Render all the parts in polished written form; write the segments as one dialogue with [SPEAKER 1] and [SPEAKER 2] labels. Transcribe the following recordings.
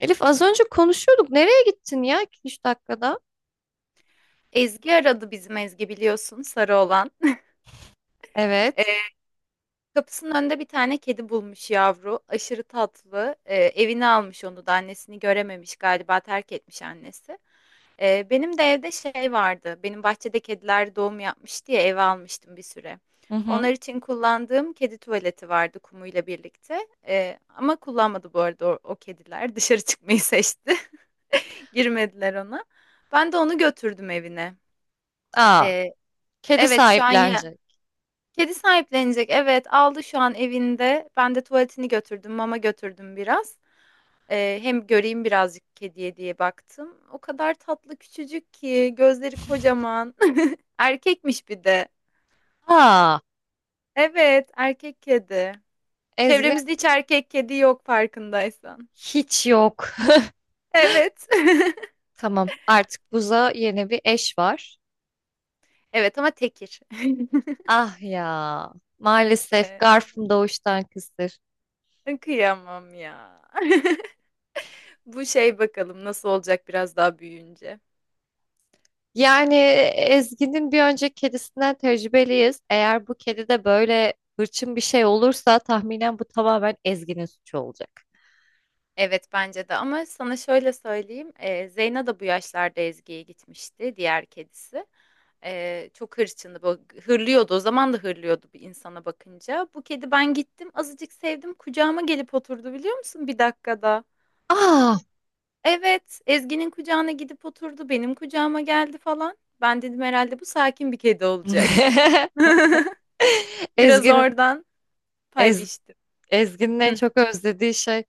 [SPEAKER 1] Elif az önce konuşuyorduk. Nereye gittin ya 2 üç dakikada?
[SPEAKER 2] Ezgi aradı bizim Ezgi biliyorsun sarı olan.
[SPEAKER 1] Evet.
[SPEAKER 2] Ee, Kapısının önünde bir tane kedi bulmuş yavru. Aşırı tatlı. Evine almış onu da annesini görememiş galiba terk etmiş annesi. Benim de evde şey vardı. Benim bahçede kediler doğum yapmış diye eve almıştım bir süre.
[SPEAKER 1] Hı hı.
[SPEAKER 2] Onlar için kullandığım kedi tuvaleti vardı kumuyla birlikte. Ama kullanmadı bu arada o kediler. Dışarı çıkmayı seçti. Girmediler ona. Ben de onu götürdüm evine.
[SPEAKER 1] Aa,
[SPEAKER 2] Ee,
[SPEAKER 1] kedi
[SPEAKER 2] evet şu an ya.
[SPEAKER 1] sahiplenecek.
[SPEAKER 2] Kedi sahiplenecek. Evet, aldı şu an evinde. Ben de tuvaletini götürdüm, mama götürdüm biraz. Hem göreyim birazcık kediye diye baktım. O kadar tatlı küçücük ki, gözleri kocaman. Erkekmiş bir de.
[SPEAKER 1] Aa,
[SPEAKER 2] Evet, erkek kedi.
[SPEAKER 1] Ezgi'de
[SPEAKER 2] Çevremizde hiç erkek kedi yok farkındaysan.
[SPEAKER 1] hiç yok.
[SPEAKER 2] Evet.
[SPEAKER 1] Tamam, artık Buz'a yeni bir eş var.
[SPEAKER 2] Evet ama tekir.
[SPEAKER 1] Ah ya, maalesef
[SPEAKER 2] Ee,
[SPEAKER 1] Garf'ım doğuştan kısır.
[SPEAKER 2] kıyamam ya. Bu şey bakalım nasıl olacak biraz daha büyüyünce.
[SPEAKER 1] Ezgi'nin bir önceki kedisinden tecrübeliyiz. Eğer bu kedi de böyle hırçın bir şey olursa tahminen bu tamamen Ezgi'nin suçu olacak.
[SPEAKER 2] Evet, bence de ama sana şöyle söyleyeyim, Zeyna da bu yaşlarda Ezgi'ye gitmişti, diğer kedisi. Çok hırçındı, hırlıyordu, o zaman da hırlıyordu bir insana bakınca. Bu kedi ben gittim, azıcık sevdim, kucağıma gelip oturdu biliyor musun bir dakikada.
[SPEAKER 1] Aa!
[SPEAKER 2] Evet, Ezgi'nin kucağına gidip oturdu, benim kucağıma geldi falan. Ben dedim herhalde bu sakin bir kedi olacak. Biraz
[SPEAKER 1] Ezgi'nin
[SPEAKER 2] oradan pay
[SPEAKER 1] Ez-
[SPEAKER 2] biçtim.
[SPEAKER 1] Ezgi'nin en
[SPEAKER 2] Hı.
[SPEAKER 1] çok özlediği şey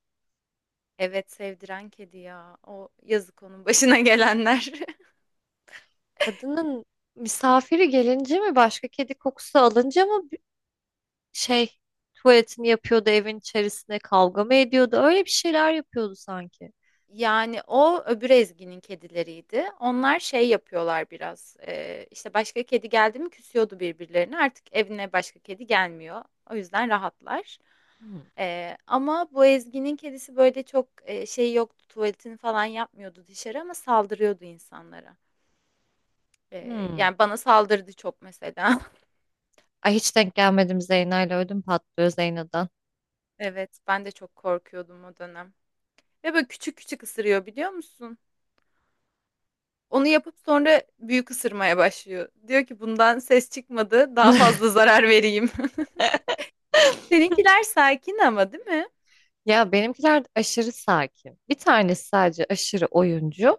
[SPEAKER 2] Evet, sevdiren kedi ya, o yazık onun başına gelenler.
[SPEAKER 1] kadının misafiri gelince mi, başka kedi kokusu alınca mı, şey tuvaletini yapıyordu evin içerisinde, kavga mı ediyordu? Öyle bir şeyler yapıyordu sanki.
[SPEAKER 2] Yani o öbür Ezgi'nin kedileriydi. Onlar şey yapıyorlar biraz. İşte başka kedi geldi mi küsüyordu birbirlerine. Artık evine başka kedi gelmiyor. O yüzden rahatlar.
[SPEAKER 1] Hmm.
[SPEAKER 2] Ama bu Ezgi'nin kedisi böyle çok şey yoktu. Tuvaletini falan yapmıyordu dışarı ama saldırıyordu insanlara.
[SPEAKER 1] Hmm.
[SPEAKER 2] Yani bana saldırdı çok mesela.
[SPEAKER 1] Ay, hiç denk gelmedim Zeyna'yla, ödüm patlıyor Zeyna'dan.
[SPEAKER 2] Evet, ben de çok korkuyordum o dönem. Ve böyle küçük küçük ısırıyor biliyor musun? Onu yapıp sonra büyük ısırmaya başlıyor. Diyor ki bundan ses çıkmadı, daha fazla zarar vereyim. Seninkiler sakin ama değil mi?
[SPEAKER 1] Ya benimkiler de aşırı sakin. Bir tanesi sadece aşırı oyuncu.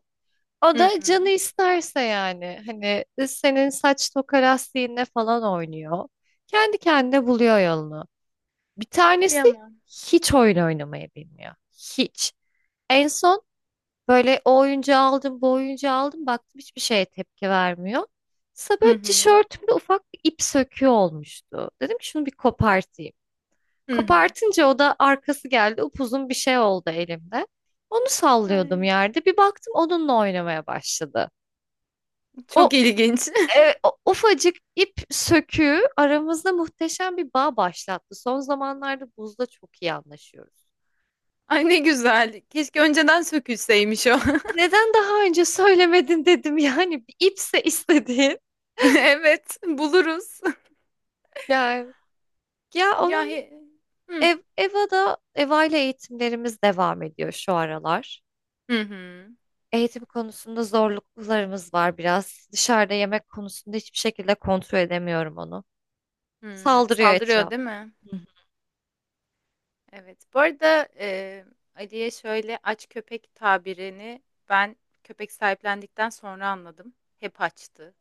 [SPEAKER 1] O
[SPEAKER 2] Hı
[SPEAKER 1] da
[SPEAKER 2] hı.
[SPEAKER 1] canı isterse yani. Hani senin saç toka lastiğinle falan oynuyor. Kendi kendine buluyor yolunu. Bir tanesi
[SPEAKER 2] Kıyamam.
[SPEAKER 1] hiç oyun oynamayı bilmiyor. Hiç. En son böyle o oyuncağı aldım, bu oyuncağı aldım. Baktım hiçbir şeye tepki vermiyor. Sonra
[SPEAKER 2] Hı
[SPEAKER 1] böyle
[SPEAKER 2] hı.
[SPEAKER 1] tişörtümde ufak bir ip söküğü olmuştu. Dedim ki şunu bir kopartayım.
[SPEAKER 2] Hı hı.
[SPEAKER 1] Kopartınca o da arkası geldi. Upuzun bir şey oldu elimde. Onu sallıyordum
[SPEAKER 2] Ay,
[SPEAKER 1] yerde. Bir baktım onunla oynamaya başladı.
[SPEAKER 2] çok
[SPEAKER 1] O,
[SPEAKER 2] ilginç.
[SPEAKER 1] o ufacık ip söküğü aramızda muhteşem bir bağ başlattı. Son zamanlarda Buz'da çok iyi anlaşıyoruz.
[SPEAKER 2] Ay ne güzel. Keşke önceden sökülseymiş o.
[SPEAKER 1] Neden daha önce söylemedin dedim yani bir ipse istediğin.
[SPEAKER 2] Evet, buluruz.
[SPEAKER 1] Yani Ya
[SPEAKER 2] Ya
[SPEAKER 1] onun
[SPEAKER 2] he- Hı
[SPEAKER 1] EVA'da EVA ile eğitimlerimiz devam ediyor şu aralar.
[SPEAKER 2] hı. hı.
[SPEAKER 1] Eğitim konusunda zorluklarımız var biraz. Dışarıda yemek konusunda hiçbir şekilde kontrol edemiyorum onu.
[SPEAKER 2] Hı,
[SPEAKER 1] Saldırıyor
[SPEAKER 2] saldırıyor
[SPEAKER 1] etraf.
[SPEAKER 2] değil mi?
[SPEAKER 1] Hı
[SPEAKER 2] Evet. Bu arada, Ali'ye şöyle aç köpek tabirini ben köpek sahiplendikten sonra anladım. Hep açtı.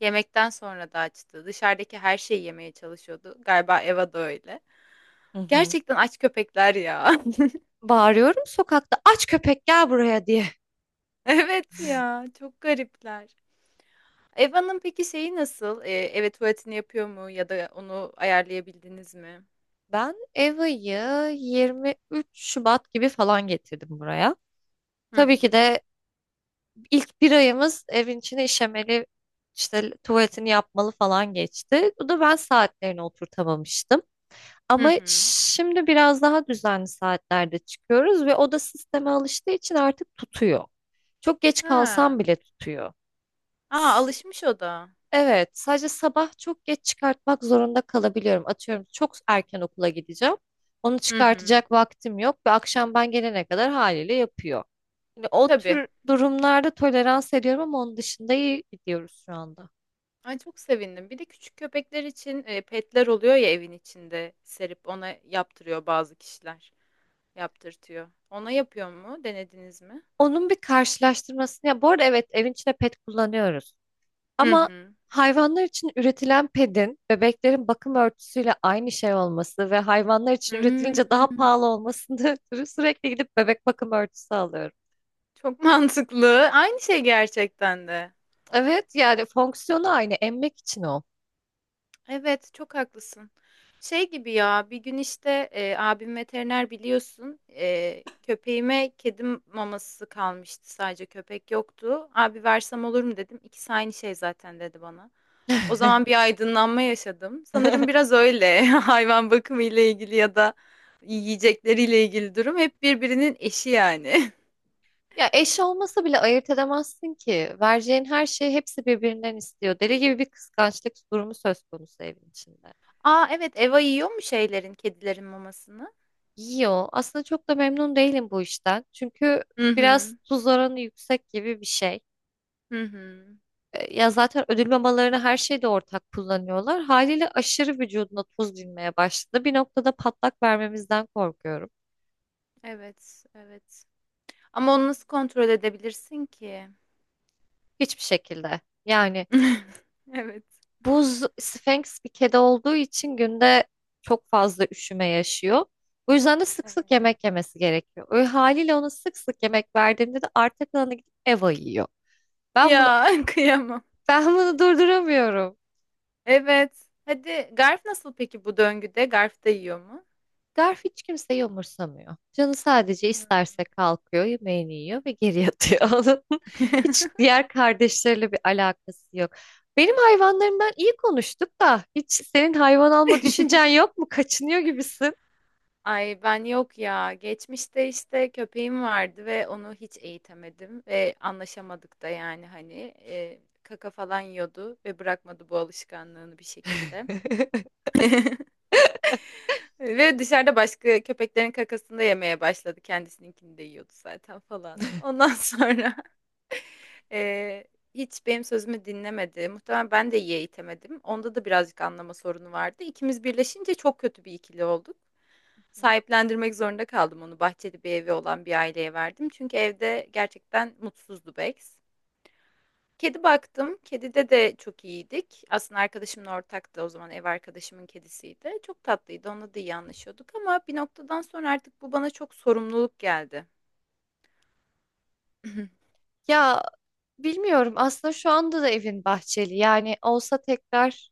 [SPEAKER 2] Yemekten sonra da açtı. Dışarıdaki her şeyi yemeye çalışıyordu. Galiba Eva da öyle.
[SPEAKER 1] hı. Hı. Hı.
[SPEAKER 2] Gerçekten aç köpekler ya.
[SPEAKER 1] Bağırıyorum sokakta aç köpek gel buraya diye.
[SPEAKER 2] Evet ya, çok garipler. Eva'nın peki şeyi nasıl? Eve tuvaletini yapıyor mu ya da onu ayarlayabildiniz mi?
[SPEAKER 1] Ben EVA'yı 23 Şubat gibi falan getirdim buraya.
[SPEAKER 2] Hı
[SPEAKER 1] Tabii ki
[SPEAKER 2] hı.
[SPEAKER 1] de ilk bir ayımız evin içine işemeli, işte tuvaletini yapmalı falan geçti. Bu da ben saatlerini oturtamamıştım.
[SPEAKER 2] Hı
[SPEAKER 1] Ama
[SPEAKER 2] hı.
[SPEAKER 1] şimdi biraz daha düzenli saatlerde çıkıyoruz ve o da sisteme alıştığı için artık tutuyor. Çok geç
[SPEAKER 2] Ha.
[SPEAKER 1] kalsam bile tutuyor.
[SPEAKER 2] Aa,
[SPEAKER 1] S-
[SPEAKER 2] alışmış o da.
[SPEAKER 1] Evet, sadece sabah çok geç çıkartmak zorunda kalabiliyorum. Atıyorum çok erken okula gideceğim. Onu
[SPEAKER 2] Hı hı.
[SPEAKER 1] çıkartacak vaktim yok ve akşam ben gelene kadar haliyle yapıyor. Yani o
[SPEAKER 2] Tabii.
[SPEAKER 1] tür durumlarda tolerans ediyorum ama onun dışında iyi gidiyoruz şu anda.
[SPEAKER 2] Ay, çok sevindim. Bir de küçük köpekler için petler oluyor ya evin içinde serip ona yaptırıyor bazı kişiler. Yaptırtıyor. Ona yapıyor mu? Denediniz mi?
[SPEAKER 1] Onun bir karşılaştırmasını, ya bu arada evet, evin içinde pet kullanıyoruz.
[SPEAKER 2] Hı
[SPEAKER 1] Ama
[SPEAKER 2] hı.
[SPEAKER 1] hayvanlar için üretilen pedin bebeklerin bakım örtüsüyle aynı şey olması ve hayvanlar için
[SPEAKER 2] Hmm,
[SPEAKER 1] üretilince daha pahalı olmasını ötürü sürekli gidip bebek bakım örtüsü alıyorum.
[SPEAKER 2] çok mantıklı. Aynı şey gerçekten de.
[SPEAKER 1] Evet, yani fonksiyonu aynı, emmek için o.
[SPEAKER 2] Evet, çok haklısın. Şey gibi ya, bir gün işte abim veteriner biliyorsun. E, köpeğime kedim maması kalmıştı sadece köpek yoktu. Abi versem olur mu dedim. İkisi aynı şey zaten dedi bana. O zaman bir aydınlanma yaşadım. Sanırım biraz öyle hayvan bakımı ile ilgili ya da yiyecekleriyle ilgili durum hep birbirinin eşi yani.
[SPEAKER 1] Ya eş olmasa bile ayırt edemezsin ki. Vereceğin her şeyi hepsi birbirinden istiyor. Deli gibi bir kıskançlık durumu söz konusu evin içinde.
[SPEAKER 2] Aa evet Eva yiyor mu şeylerin, kedilerin mamasını?
[SPEAKER 1] Yiyor. Aslında çok da memnun değilim bu işten. Çünkü
[SPEAKER 2] Hı
[SPEAKER 1] biraz
[SPEAKER 2] hı.
[SPEAKER 1] tuz oranı yüksek gibi bir şey.
[SPEAKER 2] Hı hı.
[SPEAKER 1] Ya zaten ödül mamalarını her şeyde ortak kullanıyorlar. Haliyle aşırı vücuduna tuz binmeye başladı. Bir noktada patlak vermemizden korkuyorum.
[SPEAKER 2] Evet, evet. Ama onu nasıl kontrol edebilirsin ki?
[SPEAKER 1] Hiçbir şekilde. Yani
[SPEAKER 2] Evet.
[SPEAKER 1] Buz Sphinx bir kedi olduğu için günde çok fazla üşüme yaşıyor. Bu yüzden de sık sık
[SPEAKER 2] Evet.
[SPEAKER 1] yemek yemesi gerekiyor. Öyle haliyle ona sık sık yemek verdiğimde de arta kalanı gidip Eva yiyor. Ben bunu
[SPEAKER 2] Ya kıyamam.
[SPEAKER 1] ben bunu durduramıyorum.
[SPEAKER 2] Evet. Hadi Garf nasıl peki bu döngüde? Garf da yiyor mu?
[SPEAKER 1] Garf hiç kimseyi umursamıyor. Canı sadece isterse kalkıyor, yemeğini yiyor ve geri yatıyor. Onun hiç diğer kardeşleriyle bir alakası yok. Benim hayvanlarımdan iyi konuştuk da hiç senin hayvan alma düşüncen yok mu? Kaçınıyor gibisin.
[SPEAKER 2] Ay ben yok ya. Geçmişte işte köpeğim vardı ve onu hiç eğitemedim ve anlaşamadık da yani hani kaka falan yiyordu ve bırakmadı bu alışkanlığını bir şekilde. Ve dışarıda başka köpeklerin kakasını da yemeye başladı. Kendisininkini de yiyordu zaten falan. Ondan sonra Eee, hiç benim sözümü dinlemedi. Muhtemelen ben de iyi eğitemedim. Onda da birazcık anlama sorunu vardı. İkimiz birleşince çok kötü bir ikili olduk.
[SPEAKER 1] Hı.
[SPEAKER 2] Sahiplendirmek zorunda kaldım onu. Bahçeli bir evi olan bir aileye verdim. Çünkü evde gerçekten mutsuzdu Bex. Kedi baktım. Kedide de çok iyiydik. Aslında arkadaşımın ortaktı. O zaman ev arkadaşımın kedisiydi. Çok tatlıydı. Onunla da iyi anlaşıyorduk. Ama bir noktadan sonra artık bu bana çok sorumluluk geldi.
[SPEAKER 1] Ya bilmiyorum, aslında şu anda da evin bahçeli yani olsa, tekrar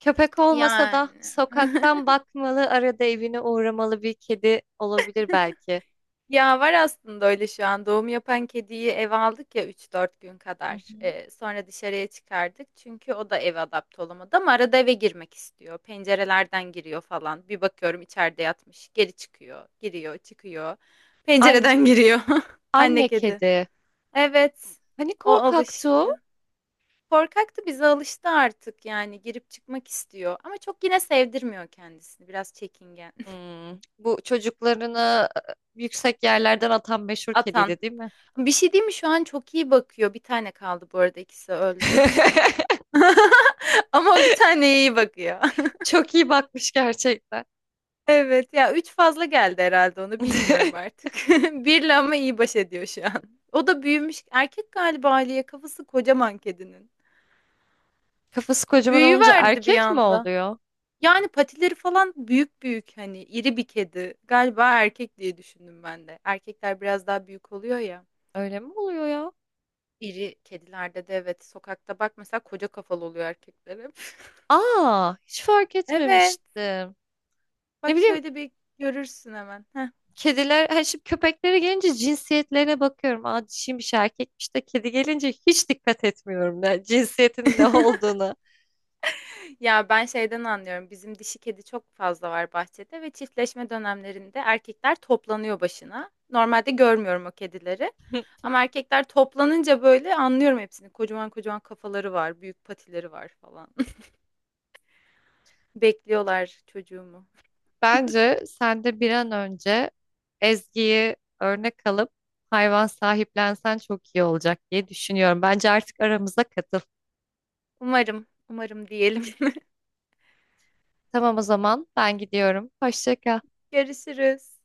[SPEAKER 1] köpek olmasa
[SPEAKER 2] Yani.
[SPEAKER 1] da sokaktan bakmalı, arada evine uğramalı bir kedi olabilir belki.
[SPEAKER 2] Ya var aslında öyle şu an. Doğum yapan kediyi eve aldık ya üç dört gün
[SPEAKER 1] Hı
[SPEAKER 2] kadar.
[SPEAKER 1] hı.
[SPEAKER 2] Sonra dışarıya çıkardık. Çünkü o da eve adapte olamadı ama arada eve girmek istiyor. Pencerelerden giriyor falan. Bir bakıyorum içeride yatmış. Geri çıkıyor. Giriyor, çıkıyor.
[SPEAKER 1] An
[SPEAKER 2] Pencereden giriyor. Anne
[SPEAKER 1] Anne
[SPEAKER 2] kedi.
[SPEAKER 1] kedi.
[SPEAKER 2] Evet.
[SPEAKER 1] Hani
[SPEAKER 2] O
[SPEAKER 1] korkaktı o?
[SPEAKER 2] alıştı. Korkaktı bize alıştı artık yani girip çıkmak istiyor. Ama çok yine sevdirmiyor kendisini. Biraz çekingen.
[SPEAKER 1] Hmm, bu çocuklarını yüksek yerlerden atan meşhur
[SPEAKER 2] Atan.
[SPEAKER 1] kediydi değil mi?
[SPEAKER 2] Bir şey diyeyim mi? Şu an çok iyi bakıyor. Bir tane kaldı bu arada ikisi öldü. Ama bir tane iyi bakıyor.
[SPEAKER 1] Çok iyi bakmış gerçekten.
[SPEAKER 2] Evet ya 3 fazla geldi herhalde onu bilmiyorum artık. Birle ama iyi baş ediyor şu an. O da büyümüş. Erkek galiba Aliye kafası kocaman kedinin.
[SPEAKER 1] Kafası kocaman olunca
[SPEAKER 2] Büyüverdi bir
[SPEAKER 1] erkek mi
[SPEAKER 2] anda.
[SPEAKER 1] oluyor?
[SPEAKER 2] Yani patileri falan büyük büyük hani iri bir kedi. Galiba erkek diye düşündüm ben de. Erkekler biraz daha büyük oluyor ya.
[SPEAKER 1] Öyle mi oluyor ya?
[SPEAKER 2] İri kedilerde de evet sokakta bak mesela koca kafalı oluyor erkekler hep.
[SPEAKER 1] Aa, hiç fark
[SPEAKER 2] Evet.
[SPEAKER 1] etmemiştim. Ne
[SPEAKER 2] Bak
[SPEAKER 1] bileyim,
[SPEAKER 2] şöyle bir görürsün hemen. Heh.
[SPEAKER 1] kediler, hani şimdi köpeklere gelince cinsiyetlerine bakıyorum. Aa, dişiymiş, erkekmiş, de kedi gelince hiç dikkat etmiyorum ne, cinsiyetin ne olduğunu.
[SPEAKER 2] Ya ben şeyden anlıyorum. Bizim dişi kedi çok fazla var bahçede ve çiftleşme dönemlerinde erkekler toplanıyor başına. Normalde görmüyorum o kedileri. Ama erkekler toplanınca böyle anlıyorum hepsini. Kocaman kocaman kafaları var, büyük patileri var falan. Bekliyorlar çocuğumu.
[SPEAKER 1] Bence sen de bir an önce Ezgi'yi örnek alıp hayvan sahiplensen çok iyi olacak diye düşünüyorum. Bence artık aramıza katıl.
[SPEAKER 2] Umarım, umarım diyelim.
[SPEAKER 1] Tamam, o zaman ben gidiyorum. Hoşça kal.
[SPEAKER 2] Görüşürüz.